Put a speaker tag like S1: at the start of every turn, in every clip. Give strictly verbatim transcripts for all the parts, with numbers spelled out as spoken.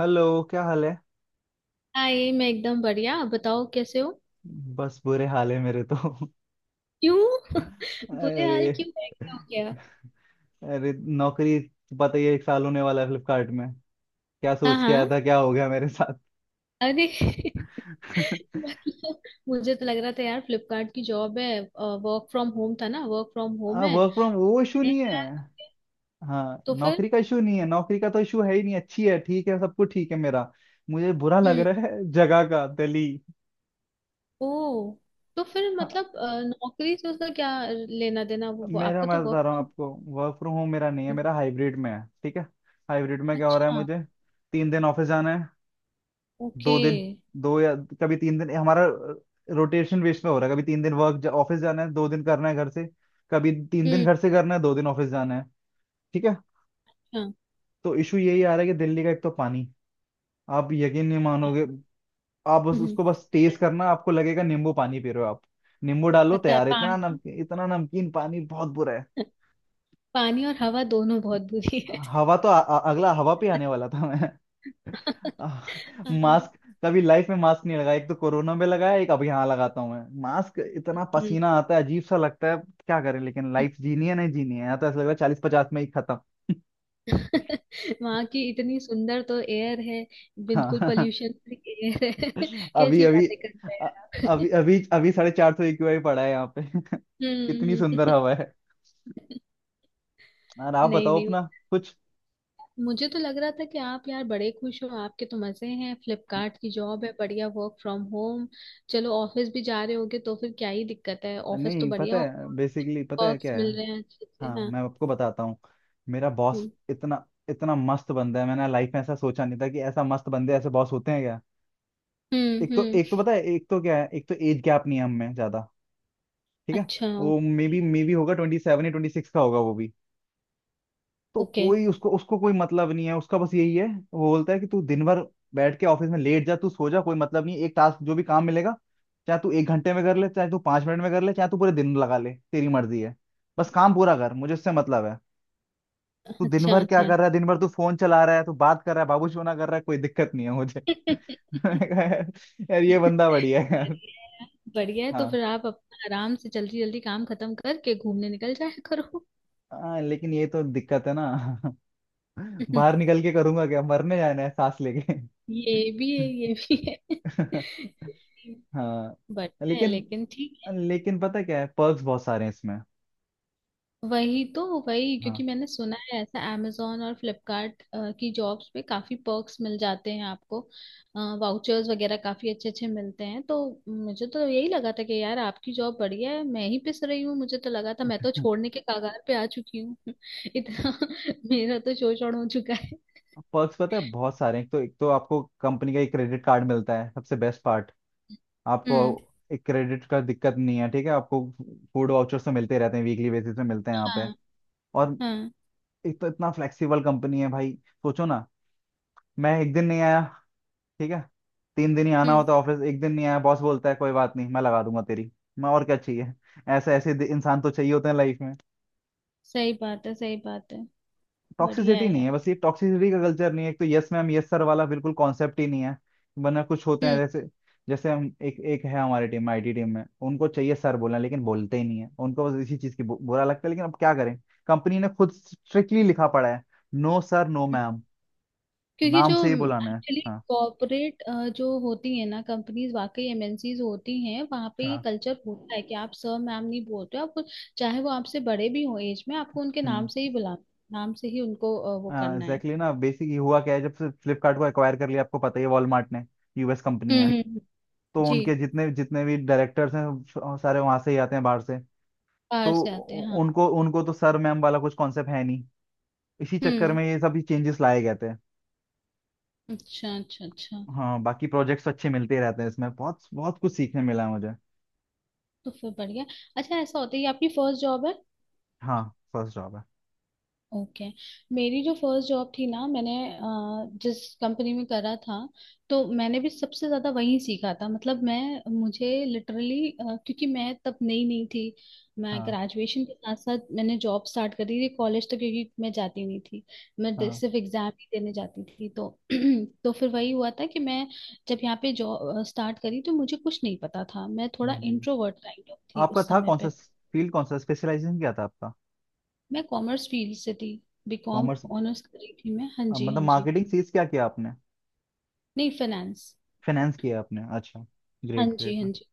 S1: Hello, क्या हाल है।
S2: हाय। मैं एकदम बढ़िया। आप बताओ कैसे हो।
S1: बस बुरे हाल है मेरे तो।
S2: क्यों। बुरे
S1: अरे,
S2: हाल क्यों है? क्या हो गया।
S1: अरे। नौकरी तो पता ही है, एक साल होने वाला है फ्लिपकार्ट में। क्या
S2: हाँ
S1: सोच के आया
S2: हाँ।
S1: था, क्या हो गया मेरे साथ।
S2: अरे। मतलब। मुझे तो लग रहा था यार फ्लिपकार्ट की जॉब है, वर्क फ्रॉम होम था ना, वर्क फ्रॉम होम
S1: हाँ,
S2: है।
S1: वर्क फ्रॉम वो इशू
S2: मैंने
S1: नहीं है।
S2: कहा।
S1: हाँ,
S2: तो फिर।
S1: नौकरी का इशू नहीं है, नौकरी का तो इशू है ही नहीं। अच्छी है, ठीक है, सब कुछ ठीक है मेरा। मुझे बुरा लग
S2: हम्म।
S1: रहा है जगह का, दिल्ली।
S2: ओ। तो फिर
S1: हाँ,
S2: मतलब अ, नौकरी से उसका क्या लेना देना वो वो-
S1: मेरा
S2: आपका
S1: मैं
S2: तो
S1: बता
S2: वर्क
S1: रहा हूँ
S2: फ्रॉम।
S1: आपको। वर्क फ्रॉम होम मेरा नहीं है, मेरा हाइब्रिड में है, ठीक है। हाइब्रिड में क्या हो रहा है
S2: अच्छा।
S1: मुझे। तीन दिन ऑफिस जाना है।
S2: ओके।
S1: दो दिन, दो या कभी तीन दिन हमारा रोटेशन बेस में हो रहा है। कभी तीन दिन वर्क ऑफिस जाना है, दो दिन करना है घर से। कभी तीन दिन
S2: हम्म।
S1: घर से करना है, दो दिन ऑफिस जाना है। ठीक है।
S2: अच्छा।
S1: तो इशू यही आ रहा है कि दिल्ली का एक तो पानी। आप यकीन नहीं मानोगे। आप बस
S2: हम्म हम्म।
S1: उसको बस टेस्ट करना, आपको लगेगा नींबू पानी पी रहे हो आप। नींबू डालो
S2: पता है
S1: तैयार, इतना
S2: पानी।
S1: नमकीन इतना नमकीन पानी, बहुत बुरा है।
S2: पानी और हवा दोनों बहुत बुरी है।
S1: हवा तो आ, आ, अगला हवा पे आने वाला था मैं।
S2: हाँ। हम्म।
S1: मास्क। कभी लाइफ में मास्क नहीं लगाया, एक तो कोरोना में लगाया, एक अब यहाँ लगाता हूँ मैं मास्क। इतना पसीना आता है, अजीब सा लगता है। क्या करें, लेकिन लाइफ जीनी है नहीं जीनी है, यहाँ तो ऐसा लग रहा है चालीस पचास में ही खत्म।
S2: वहाँ की इतनी सुंदर तो एयर है, बिल्कुल
S1: हाँ।
S2: पोल्यूशन फ्री एयर है।
S1: अभी
S2: कैसी
S1: अभी
S2: बातें करते हैं
S1: अ-
S2: यार आप।
S1: अभी अभी अभी साढ़े चार सौ ए क्यू आई पड़ा है यहाँ पे कितनी सुंदर
S2: हम्म।
S1: हवा है। और आप
S2: नहीं
S1: बताओ
S2: नहीं।
S1: अपना कुछ।
S2: मुझे तो लग रहा था कि आप यार बड़े खुश हो, आपके तो मजे हैं, फ्लिपकार्ट की जॉब है, बढ़िया वर्क फ्रॉम होम। चलो ऑफिस भी जा रहे होगे तो फिर क्या ही दिक्कत है, ऑफिस तो
S1: नहीं, पता
S2: बढ़िया।
S1: है बेसिकली, पता है क्या
S2: वर्क्स
S1: है।
S2: मिल रहे हैं अच्छे से।
S1: हाँ,
S2: हाँ।
S1: मैं आपको बताता हूँ। मेरा बॉस
S2: हम्म
S1: इतना इतना मस्त बंदा है, मैंने लाइफ में ऐसा सोचा नहीं था कि ऐसा मस्त बंदे, ऐसे बॉस होते हैं।
S2: हम्म
S1: एक तो
S2: हम्म,
S1: एक तो पता है, एक तो क्या है, एक तो एज गैप नहीं है हम में ज्यादा। ठीक है।
S2: अच्छा।
S1: वो may
S2: okay.
S1: Be maybe होगा ट्वेंटी सेवन या ट्वेंटी सिक्स का होगा वो भी। तो
S2: ओके।
S1: कोई उसको उसको कोई मतलब नहीं है, उसका बस यही है। वो बोलता है कि तू दिन भर बैठ के ऑफिस में लेट जा, तू सो जा, कोई मतलब नहीं है। एक टास्क, जो भी काम मिलेगा, चाहे तू एक घंटे में कर ले, चाहे तू पांच मिनट में कर ले, चाहे तू पूरे दिन लगा ले, तेरी मर्जी है। बस काम पूरा कर, मुझे उससे मतलब है। तू दिन
S2: अच्छा
S1: भर क्या
S2: अच्छा।
S1: कर रहा है, दिन भर तू फोन चला रहा है, तू बात कर रहा है, बाबूशोना कर रहा है, कोई दिक्कत नहीं है मुझे मैंने कहा, यार ये बंदा बढ़िया है यार।
S2: बढ़िया। बढ़िया है तो
S1: हाँ,
S2: फिर आप अपना आराम से जल्दी जल्दी काम खत्म करके घूमने निकल जाया करो।
S1: हाँ, लेकिन ये तो दिक्कत है ना। बाहर निकल के करूंगा क्या, मरने जाना है सांस लेके
S2: ये भी है ये भी है।
S1: हाँ,
S2: बढ़िया है,
S1: लेकिन
S2: लेकिन ठीक है।
S1: लेकिन पता क्या है, पर्क्स बहुत सारे हैं इसमें।
S2: वही तो, वही क्योंकि
S1: हाँ,
S2: मैंने सुना है ऐसा amazon और फ्लिपकार्ट की जॉब्स पे काफी पर्क्स मिल जाते हैं आपको। वाउचर्स वगैरह काफी अच्छे अच्छे मिलते हैं तो। मुझे तो यही लगा था कि यार आपकी जॉब बढ़िया है, मैं ही पिस रही हूँ। मुझे तो लगा था मैं तो छोड़ने के कगार पे आ चुकी हूँ। इतना। मेरा तो शोषण हो चुका है।
S1: पर्क्स पता है बहुत सारे हैं। एक तो एक तो आपको कंपनी का एक क्रेडिट कार्ड मिलता है, सबसे बेस्ट पार्ट। आपको
S2: हम्म।
S1: एक क्रेडिट का दिक्कत नहीं है, ठीक है आपको। फूड वाउचर्स तो मिलते रहते हैं, वीकली बेसिस पे मिलते हैं यहाँ पे।
S2: हाँ
S1: और
S2: हाँ।
S1: एक तो इतना फ्लेक्सिबल कंपनी है भाई, सोचो ना। मैं एक दिन नहीं आया, ठीक है। तीन दिन ही आना
S2: हम्म।
S1: होता है ऑफिस, एक दिन नहीं आया, बॉस बोलता है कोई बात नहीं, मैं लगा दूंगा तेरी। मैं और क्या चाहिए। ऐसे ऐसे दि- इंसान तो चाहिए होते हैं लाइफ में।
S2: सही बात है, सही बात है। बढ़िया
S1: टॉक्सिसिटी
S2: है
S1: नहीं है,
S2: यार।
S1: बस ये टॉक्सिसिटी का कल्चर नहीं है, एक तो यस मैम यस सर वाला बिल्कुल कॉन्सेप्ट ही नहीं है। वरना कुछ होते हैं,
S2: हम्म
S1: जैसे जैसे हम। एक एक है हमारी टीम में, आई टी टीम में, उनको चाहिए सर बोलना लेकिन बोलते ही नहीं है, उनको बस इसी चीज की बु- बुरा लगता है, लेकिन अब क्या करें। कंपनी ने खुद स्ट्रिक्टली लिखा पड़ा है, नो सर नो
S2: हम्म,
S1: मैम,
S2: क्योंकि
S1: नाम
S2: जो
S1: से ही बुलाना है।
S2: एक्चुअली
S1: हाँ,
S2: कॉर्पोरेट जो होती है ना कंपनीज, वाकई एमएनसीज होती हैं, वहाँ पे ये
S1: हाँ,
S2: कल्चर होता है कि आप सर मैम नहीं बोलते हो, आप चाहे वो आपसे बड़े भी हो एज में, आपको उनके नाम
S1: हम्म,
S2: से ही बुला नाम से ही उनको अ, वो
S1: हाँ
S2: करना है।
S1: एग्जैक्टली ना। बेसिकली हुआ क्या है, जब से फ्लिपकार्ट को एक्वायर कर लिया, आपको पता ही है, वॉलमार्ट ने। यू एस कंपनी
S2: हम्म,
S1: है।
S2: हम्म, हम्म।
S1: तो
S2: जी।
S1: उनके जितने जितने भी डायरेक्टर्स हैं, स- सारे वहां से ही आते हैं, बाहर से।
S2: बाहर
S1: तो
S2: से आते हैं
S1: उ-
S2: हाँ।
S1: उनको उनको तो सर मैम वाला कुछ कॉन्सेप्ट है नहीं। इसी चक्कर
S2: हम्म।
S1: में ये सब चेंजेस लाए गए थे।
S2: अच्छा अच्छा अच्छा।
S1: हाँ, बाकी प्रोजेक्ट्स अच्छे मिलते ही रहते हैं इसमें, बहुत बहुत कुछ सीखने मिला है मुझे।
S2: तो फिर बढ़िया। अच्छा, ऐसा होता है ये? आपकी फर्स्ट जॉब है?
S1: हाँ, फर्स्ट जॉब है।
S2: ओके। मेरी जो फर्स्ट जॉब थी ना, मैंने अ, जिस कंपनी में करा था, तो मैंने भी सबसे ज्यादा वहीं सीखा था, मतलब मैं मुझे लिटरली क्योंकि मैं तब नई नई थी। मैं
S1: हाँ,
S2: ग्रेजुएशन के साथ साथ मैंने जॉब स्टार्ट करी थी, कॉलेज तो क्योंकि मैं जाती नहीं थी, मैं ड-
S1: हाँ
S2: सिर्फ एग्जाम ही देने जाती थी तो तो फिर वही हुआ था कि मैं जब यहाँ पे जॉब स्टार्ट करी तो मुझे कुछ नहीं पता था, मैं थोड़ा
S1: जी।
S2: इंट्रोवर्ट काइंड ऑफ थी
S1: आपका
S2: उस
S1: था
S2: समय
S1: कौन सा
S2: पे।
S1: फील्ड, कौन सा स्पेशलाइजेशन क्या था आपका।
S2: मैं कॉमर्स फील्ड से थी। बीकॉम
S1: कॉमर्स,
S2: ऑनर्स कर रही थी मैं। हाँ जी,
S1: मतलब
S2: हाँ जी।
S1: मार्केटिंग सीज क्या किया आपने।
S2: नहीं, फाइनेंस।
S1: फाइनेंस किया आपने, अच्छा।
S2: हाँ
S1: ग्रेट
S2: जी,
S1: ग्रेट
S2: हाँ
S1: ना।
S2: जी।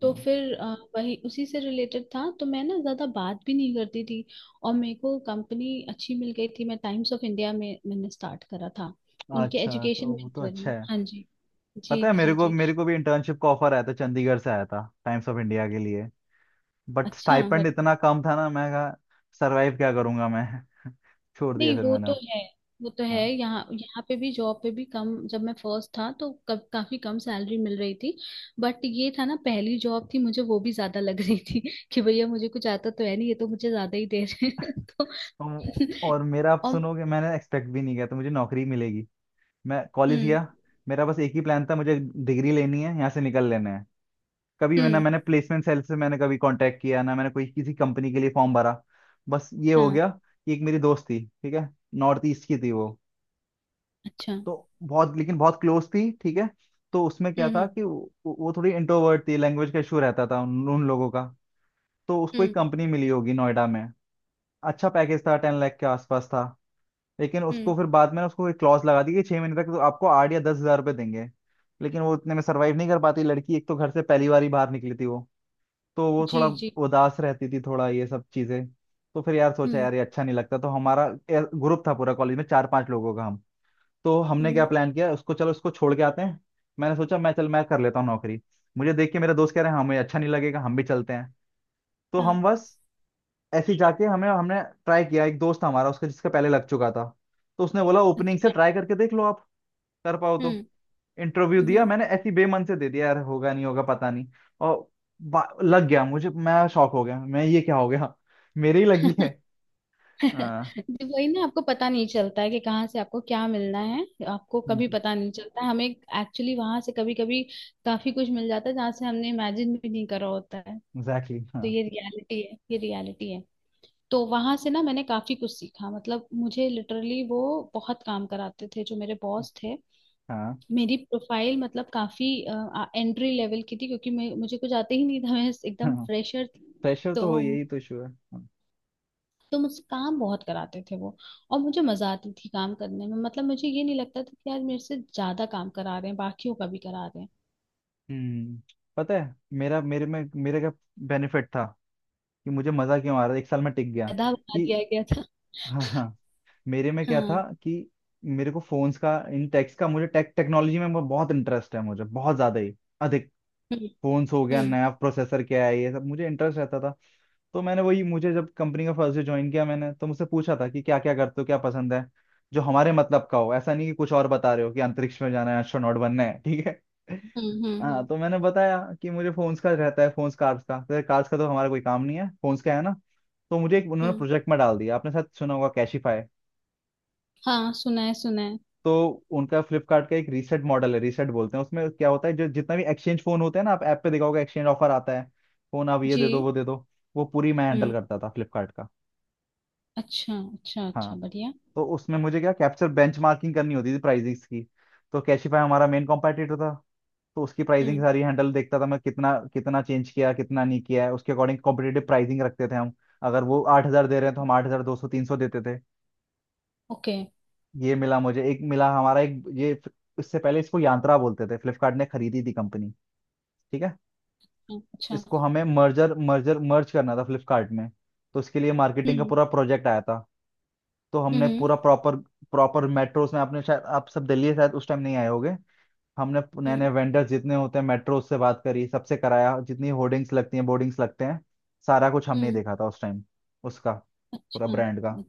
S2: तो
S1: हाँ।
S2: फिर अ, वही उसी से रिलेटेड था तो मैं ना ज़्यादा बात भी नहीं करती थी। और मेरे को कंपनी अच्छी मिल गई थी, मैं टाइम्स ऑफ इंडिया में मैंने स्टार्ट करा था उनके
S1: अच्छा,
S2: एजुकेशन
S1: तो वो तो
S2: वेंचर
S1: अच्छा
S2: में।
S1: है।
S2: हाँ जी
S1: पता
S2: जी
S1: है, मेरे
S2: जी।
S1: को
S2: जी।
S1: मेरे को भी इंटर्नशिप का ऑफर आया था, चंडीगढ़ से आया था टाइम्स ऑफ इंडिया के लिए। बट
S2: अच्छा।
S1: स्टाइपेंड इतना कम था ना, मैं कहा सरवाइव क्या करूंगा मैं छोड़ दिया
S2: नहीं,
S1: फिर
S2: वो
S1: मैंने
S2: तो
S1: अब।
S2: है। वो तो है,
S1: हाँ,
S2: यहाँ यहाँ पे भी जॉब पे भी कम, जब मैं फर्स्ट था तो कब काफी कम सैलरी मिल रही थी। बट ये था ना, पहली जॉब थी मुझे, वो भी ज्यादा लग रही थी कि भैया मुझे कुछ आता तो है नहीं, ये तो मुझे ज्यादा ही दे रहे हैं तो।
S1: तो- और मेरा आप
S2: और।
S1: सुनोगे, मैंने एक्सपेक्ट भी नहीं किया था मुझे नौकरी मिलेगी। मैं कॉलेज
S2: हम्म।
S1: गया। मेरा बस एक ही प्लान था, मुझे डिग्री लेनी है, यहाँ से निकल लेना है। कभी मैंने
S2: हम्म।
S1: मैंने प्लेसमेंट सेल से मैंने कभी कांटेक्ट किया ना, मैंने कोई किसी कंपनी के लिए फॉर्म भरा। बस ये हो
S2: हाँ।
S1: गया कि एक मेरी दोस्त थी, ठीक है। नॉर्थ ईस्ट की थी वो।
S2: अच्छा। हम्म।
S1: तो बहुत, लेकिन बहुत क्लोज थी, ठीक है। तो उसमें क्या था
S2: हम्म।
S1: कि वो, वो थोड़ी इंट्रोवर्ट थी, लैंग्वेज का इशू रहता था उन, उन लोगों का। तो उसको एक
S2: हम्म
S1: कंपनी मिली होगी नोएडा में। अच्छा पैकेज था, टेन लाख के आसपास था। लेकिन
S2: हम्म,
S1: उसको फिर बाद में उसको एक क्लॉज लगा दी कि छह महीने तक तो आपको आठ या दस हजार रुपये देंगे। लेकिन वो इतने में सरवाइव नहीं कर पाती लड़की, एक तो घर से पहली बार ही बाहर निकली थी वो। तो वो
S2: जी
S1: थोड़ा
S2: जी।
S1: उदास रहती थी, थोड़ा ये सब चीजें। तो फिर यार सोचा,
S2: हम्म
S1: यार ये अच्छा नहीं लगता, तो हमारा ग्रुप था पूरा कॉलेज में, चार पांच लोगों का हम। तो हमने क्या
S2: हम्म।
S1: प्लान किया, उसको चलो उसको छोड़ के आते हैं। मैंने सोचा मैं चल मैं कर लेता हूँ नौकरी। मुझे देख के मेरे दोस्त कह रहे हैं हमें अच्छा नहीं लगेगा, हम भी चलते हैं। तो
S2: हाँ।
S1: हम बस ऐसे ही जाके हमें हमने ट्राई किया। एक दोस्त था हमारा, उसका जिसका पहले लग चुका था। तो उसने बोला ओपनिंग से
S2: अच्छा।
S1: ट्राई करके देख लो आप, कर पाओ तो।
S2: हम्म
S1: इंटरव्यू दिया
S2: हम्म।
S1: मैंने, ऐसी बेमन से दे दिया यार, होगा नहीं होगा पता नहीं। और बा- लग गया मुझे, मैं शॉक हो गया, मैं ये क्या हो गया। मेरे ही लगी है। हाँ
S2: जी, वही ना, आपको पता नहीं चलता है कि कहाँ से आपको क्या मिलना है। आपको कभी पता नहीं चलता है, हमें एक्चुअली वहां से कभी कभी काफी कुछ मिल जाता है जहाँ से हमने इमेजिन भी नहीं करा होता है।
S1: एग्जैक्टली, हाँ,
S2: तो ये रियलिटी है, ये रियलिटी है। तो वहां से ना मैंने काफी कुछ सीखा, मतलब मुझे लिटरली वो बहुत काम कराते थे जो मेरे बॉस थे।
S1: हाँ,
S2: मेरी प्रोफाइल मतलब काफी एंट्री लेवल की थी, क्योंकि मैं मुझे कुछ आते ही नहीं था, मैं एकदम
S1: हाँ।
S2: फ्रेशर थी।
S1: प्रेशर तो
S2: तो
S1: हो, यही तो इशू है। हाँ।
S2: तो मुझसे काम बहुत कराते थे वो। और मुझे मजा आती थी काम करने में, मतलब मुझे ये नहीं लगता था कि यार मेरे से ज्यादा काम करा रहे हैं, बाकियों का भी करा रहे हैं।
S1: हम्म, पता है मेरा, मेरे में मेरे का बेनिफिट था कि मुझे मजा क्यों आ रहा था, एक साल में टिक गया।
S2: गधा बना
S1: कि
S2: दिया गया था।
S1: हाँ, हाँ, मेरे में क्या था
S2: हाँ।
S1: कि मेरे को फोन्स का इन टेक्स का, मुझे टेक टेक्नोलॉजी में बहुत इंटरेस्ट है, मुझे बहुत ज्यादा ही अधिक।
S2: हम्म
S1: फोन्स हो गया,
S2: हम्म
S1: नया प्रोसेसर क्या है, ये सब मुझे इंटरेस्ट रहता था। तो मैंने वही, मुझे जब कंपनी का फर्स्ट डे ज्वाइन किया मैंने, तो मुझसे पूछा था कि क्या क्या करते हो, क्या पसंद है, जो हमारे मतलब का हो। ऐसा नहीं कि कुछ और बता रहे हो कि अंतरिक्ष में जाना है, एस्ट्रोनॉट बनना है, ठीक है।
S2: हम्म हम्म
S1: हाँ,
S2: हम्म
S1: तो मैंने बताया कि मुझे फोन्स का रहता है, फोन्स कार्स का, तो कार्स का तो हमारा कोई काम नहीं है, फोन्स का है ना। तो मुझे एक उन्होंने
S2: हम्म।
S1: प्रोजेक्ट में डाल दिया, आपने शायद सुना होगा, कैशिफाई।
S2: हाँ, सुना है सुना है।
S1: तो उनका फ्लिपकार्ट का एक रीसेट मॉडल है, रीसेट बोलते हैं। उसमें क्या होता है, जो जितना भी एक्सचेंज फोन होते हैं ना, आप ऐप पे देखा होगा, एक्सचेंज ऑफर आता है। फोन आप ये
S2: जी।
S1: दे दो, वो दे दो। वो पूरी मैं हैंडल
S2: हम्म।
S1: करता था फ्लिपकार्ट का।
S2: अच्छा अच्छा अच्छा।
S1: हाँ,
S2: बढ़िया।
S1: तो उसमें मुझे क्या, कैप्चर बेंचमार्किंग करनी होती थी प्राइसिंग्स की। तो कैशिफाई हमारा मेन कॉम्पिटिटर था। तो उसकी प्राइसिंग
S2: हम्म।
S1: सारी हैंडल देखता था मैं, कितना कितना चेंज किया, कितना नहीं किया है, उसके अकॉर्डिंग कॉम्पिटेटिव प्राइसिंग रखते थे हम। अगर वो आठ हजार दे रहे हैं, तो हम आठ हजार दो सौ तीन सौ देते थे।
S2: ओके।
S1: ये मिला मुझे, एक मिला हमारा एक ये। इससे पहले इसको यांत्रा बोलते थे, फ्लिपकार्ट ने खरीदी थी कंपनी, ठीक है।
S2: हम्म, अच्छा।
S1: इसको हमें मर्जर मर्जर मर्ज करना था फ्लिपकार्ट में। तो इसके लिए मार्केटिंग का
S2: हम्म
S1: पूरा प्रोजेक्ट आया था। तो
S2: हम्म
S1: हमने
S2: हम्म
S1: पूरा प्रॉपर प्रॉपर मेट्रोस में, आपने शायद, आप सब दिल्ली शायद उस टाइम नहीं आए होगे। हमने नए
S2: हम्म
S1: नए वेंडर्स जितने होते हैं मेट्रोस से बात करी, सबसे कराया, जितनी होर्डिंग्स लगती हैं, बोर्डिंग्स लगते हैं, सारा कुछ हमने ही
S2: हम्म,
S1: देखा था उस टाइम, उसका पूरा
S2: अच्छा।
S1: ब्रांड का।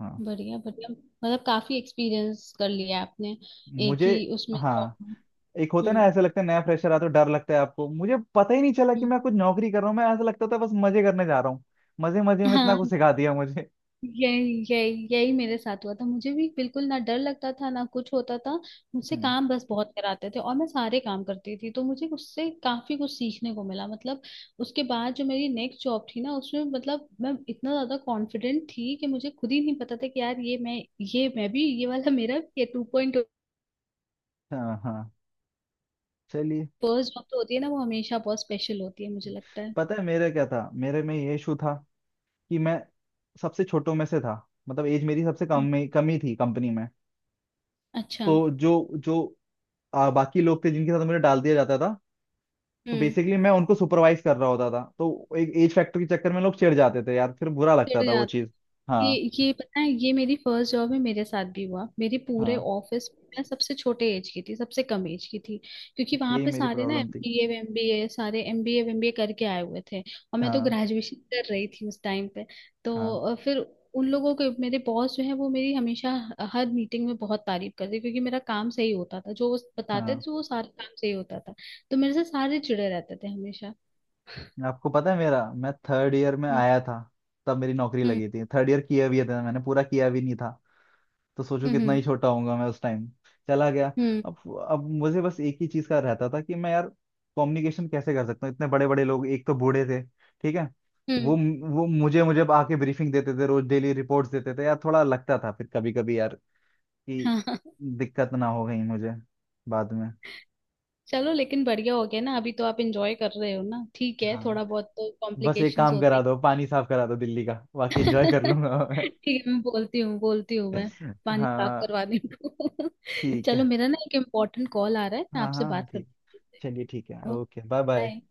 S1: हाँ।
S2: बढ़िया बढ़िया, मतलब काफी एक्सपीरियंस कर लिया आपने, एक
S1: मुझे,
S2: ही उसमें जॉब
S1: हाँ,
S2: में।
S1: एक होता है ना
S2: हम्म।
S1: ऐसे लगता है नया फ्रेशर आता है तो डर लगता है आपको, मुझे पता ही नहीं चला कि
S2: हम्म।
S1: मैं कुछ नौकरी कर रहा हूँ, मैं ऐसा लगता था बस मजे करने जा रहा हूँ। मजे मजे में इतना
S2: हाँ।
S1: कुछ सिखा दिया मुझे।
S2: यही यही यही मेरे साथ हुआ था, मुझे भी बिल्कुल ना डर लगता था ना कुछ होता था। मुझसे
S1: हम्म,
S2: काम बस बहुत कराते थे, और मैं सारे काम करती थी, तो मुझे उससे काफी कुछ सीखने को मिला मतलब। उसके बाद जो मेरी नेक्स्ट जॉब थी ना उसमें, मतलब मैं इतना ज्यादा कॉन्फिडेंट थी कि मुझे खुद ही नहीं पता था कि यार ये मैं, ये मैं भी, ये वाला मेरा भी, ये टू पॉइंट।
S1: हाँ हाँ, चलिए।
S2: फर्स्ट जॉब तो होती है ना, वो हमेशा बहुत स्पेशल होती है मुझे लगता है।
S1: पता है मेरा क्या था, मेरे में ये इशू था कि मैं सबसे छोटों में से था, मतलब एज मेरी सबसे कम
S2: हम्म,
S1: में कम ही थी कंपनी में।
S2: अच्छा।
S1: तो जो जो आ, बाकी लोग थे जिनके साथ मुझे डाल दिया जाता था। तो
S2: हम्म।
S1: बेसिकली मैं उनको सुपरवाइज कर रहा होता था, तो एक एज फैक्टर के चक्कर में लोग चिढ़ जाते थे यार, फिर बुरा लगता
S2: चिढ़
S1: था वो
S2: जाते।
S1: चीज़। हाँ,
S2: ये ये पता है, ये मेरी फर्स्ट जॉब में मेरे साथ भी हुआ, मेरे पूरे
S1: हाँ,
S2: ऑफिस में मैं सबसे छोटे एज की थी, सबसे कम एज की थी। क्योंकि वहां
S1: यही
S2: पे
S1: मेरी
S2: सारे ना
S1: प्रॉब्लम थी।
S2: एमबीए एमबीए, सारे एमबीए एमबीए करके आए हुए थे, और मैं तो
S1: हाँ,
S2: ग्रेजुएशन कर रही थी उस टाइम पे। तो
S1: हाँ,
S2: अ, फिर उन लोगों के मेरे बॉस जो है वो मेरी हमेशा हर मीटिंग में बहुत तारीफ करते, क्योंकि मेरा काम सही होता था, जो वो बताते
S1: हाँ।
S2: थे वो सारा काम सही होता था। तो मेरे से सारे चिड़े रहते थे हमेशा।
S1: आपको पता है मेरा, मैं थर्ड ईयर में
S2: हम्म
S1: आया था, तब मेरी नौकरी
S2: हम्म
S1: लगी थी। थर्ड ईयर किया भी था मैंने, पूरा किया भी नहीं था। तो सोचो कितना
S2: हम्म
S1: ही छोटा होऊंगा मैं उस टाइम, चला गया।
S2: हम्म
S1: अब अब मुझे बस एक ही चीज का रहता था कि मैं यार कम्युनिकेशन कैसे कर सकता हूँ, इतने बड़े बड़े लोग, एक तो बूढ़े थे, ठीक है। वो
S2: हम्म,
S1: वो मुझे मुझे आके ब्रीफिंग देते थे, रोज डेली रिपोर्ट्स देते थे यार, थोड़ा लगता था फिर कभी कभी यार कि
S2: हाँ।
S1: दिक्कत ना हो गई मुझे बाद में।
S2: चलो लेकिन बढ़िया हो गया ना, अभी तो आप एंजॉय कर रहे हो ना, ठीक है,
S1: हाँ,
S2: थोड़ा बहुत तो
S1: बस एक
S2: कॉम्प्लिकेशंस
S1: काम करा
S2: होते
S1: दो, पानी साफ करा दो दिल्ली का, बाकी
S2: हैं।
S1: एंजॉय कर लूंगा मैं
S2: ठीक है, मैं बोलती हूँ बोलती हूँ मैं, पानी साफ
S1: हाँ
S2: करवाने को।
S1: ठीक है।
S2: चलो, मेरा ना एक इम्पोर्टेंट कॉल आ रहा है, मैं
S1: हाँ,
S2: आपसे
S1: हाँ, हाँ,
S2: बात
S1: ठीक,
S2: करती
S1: चलिए, ठीक है,
S2: हूँ।
S1: Okay bye bye.
S2: बाय।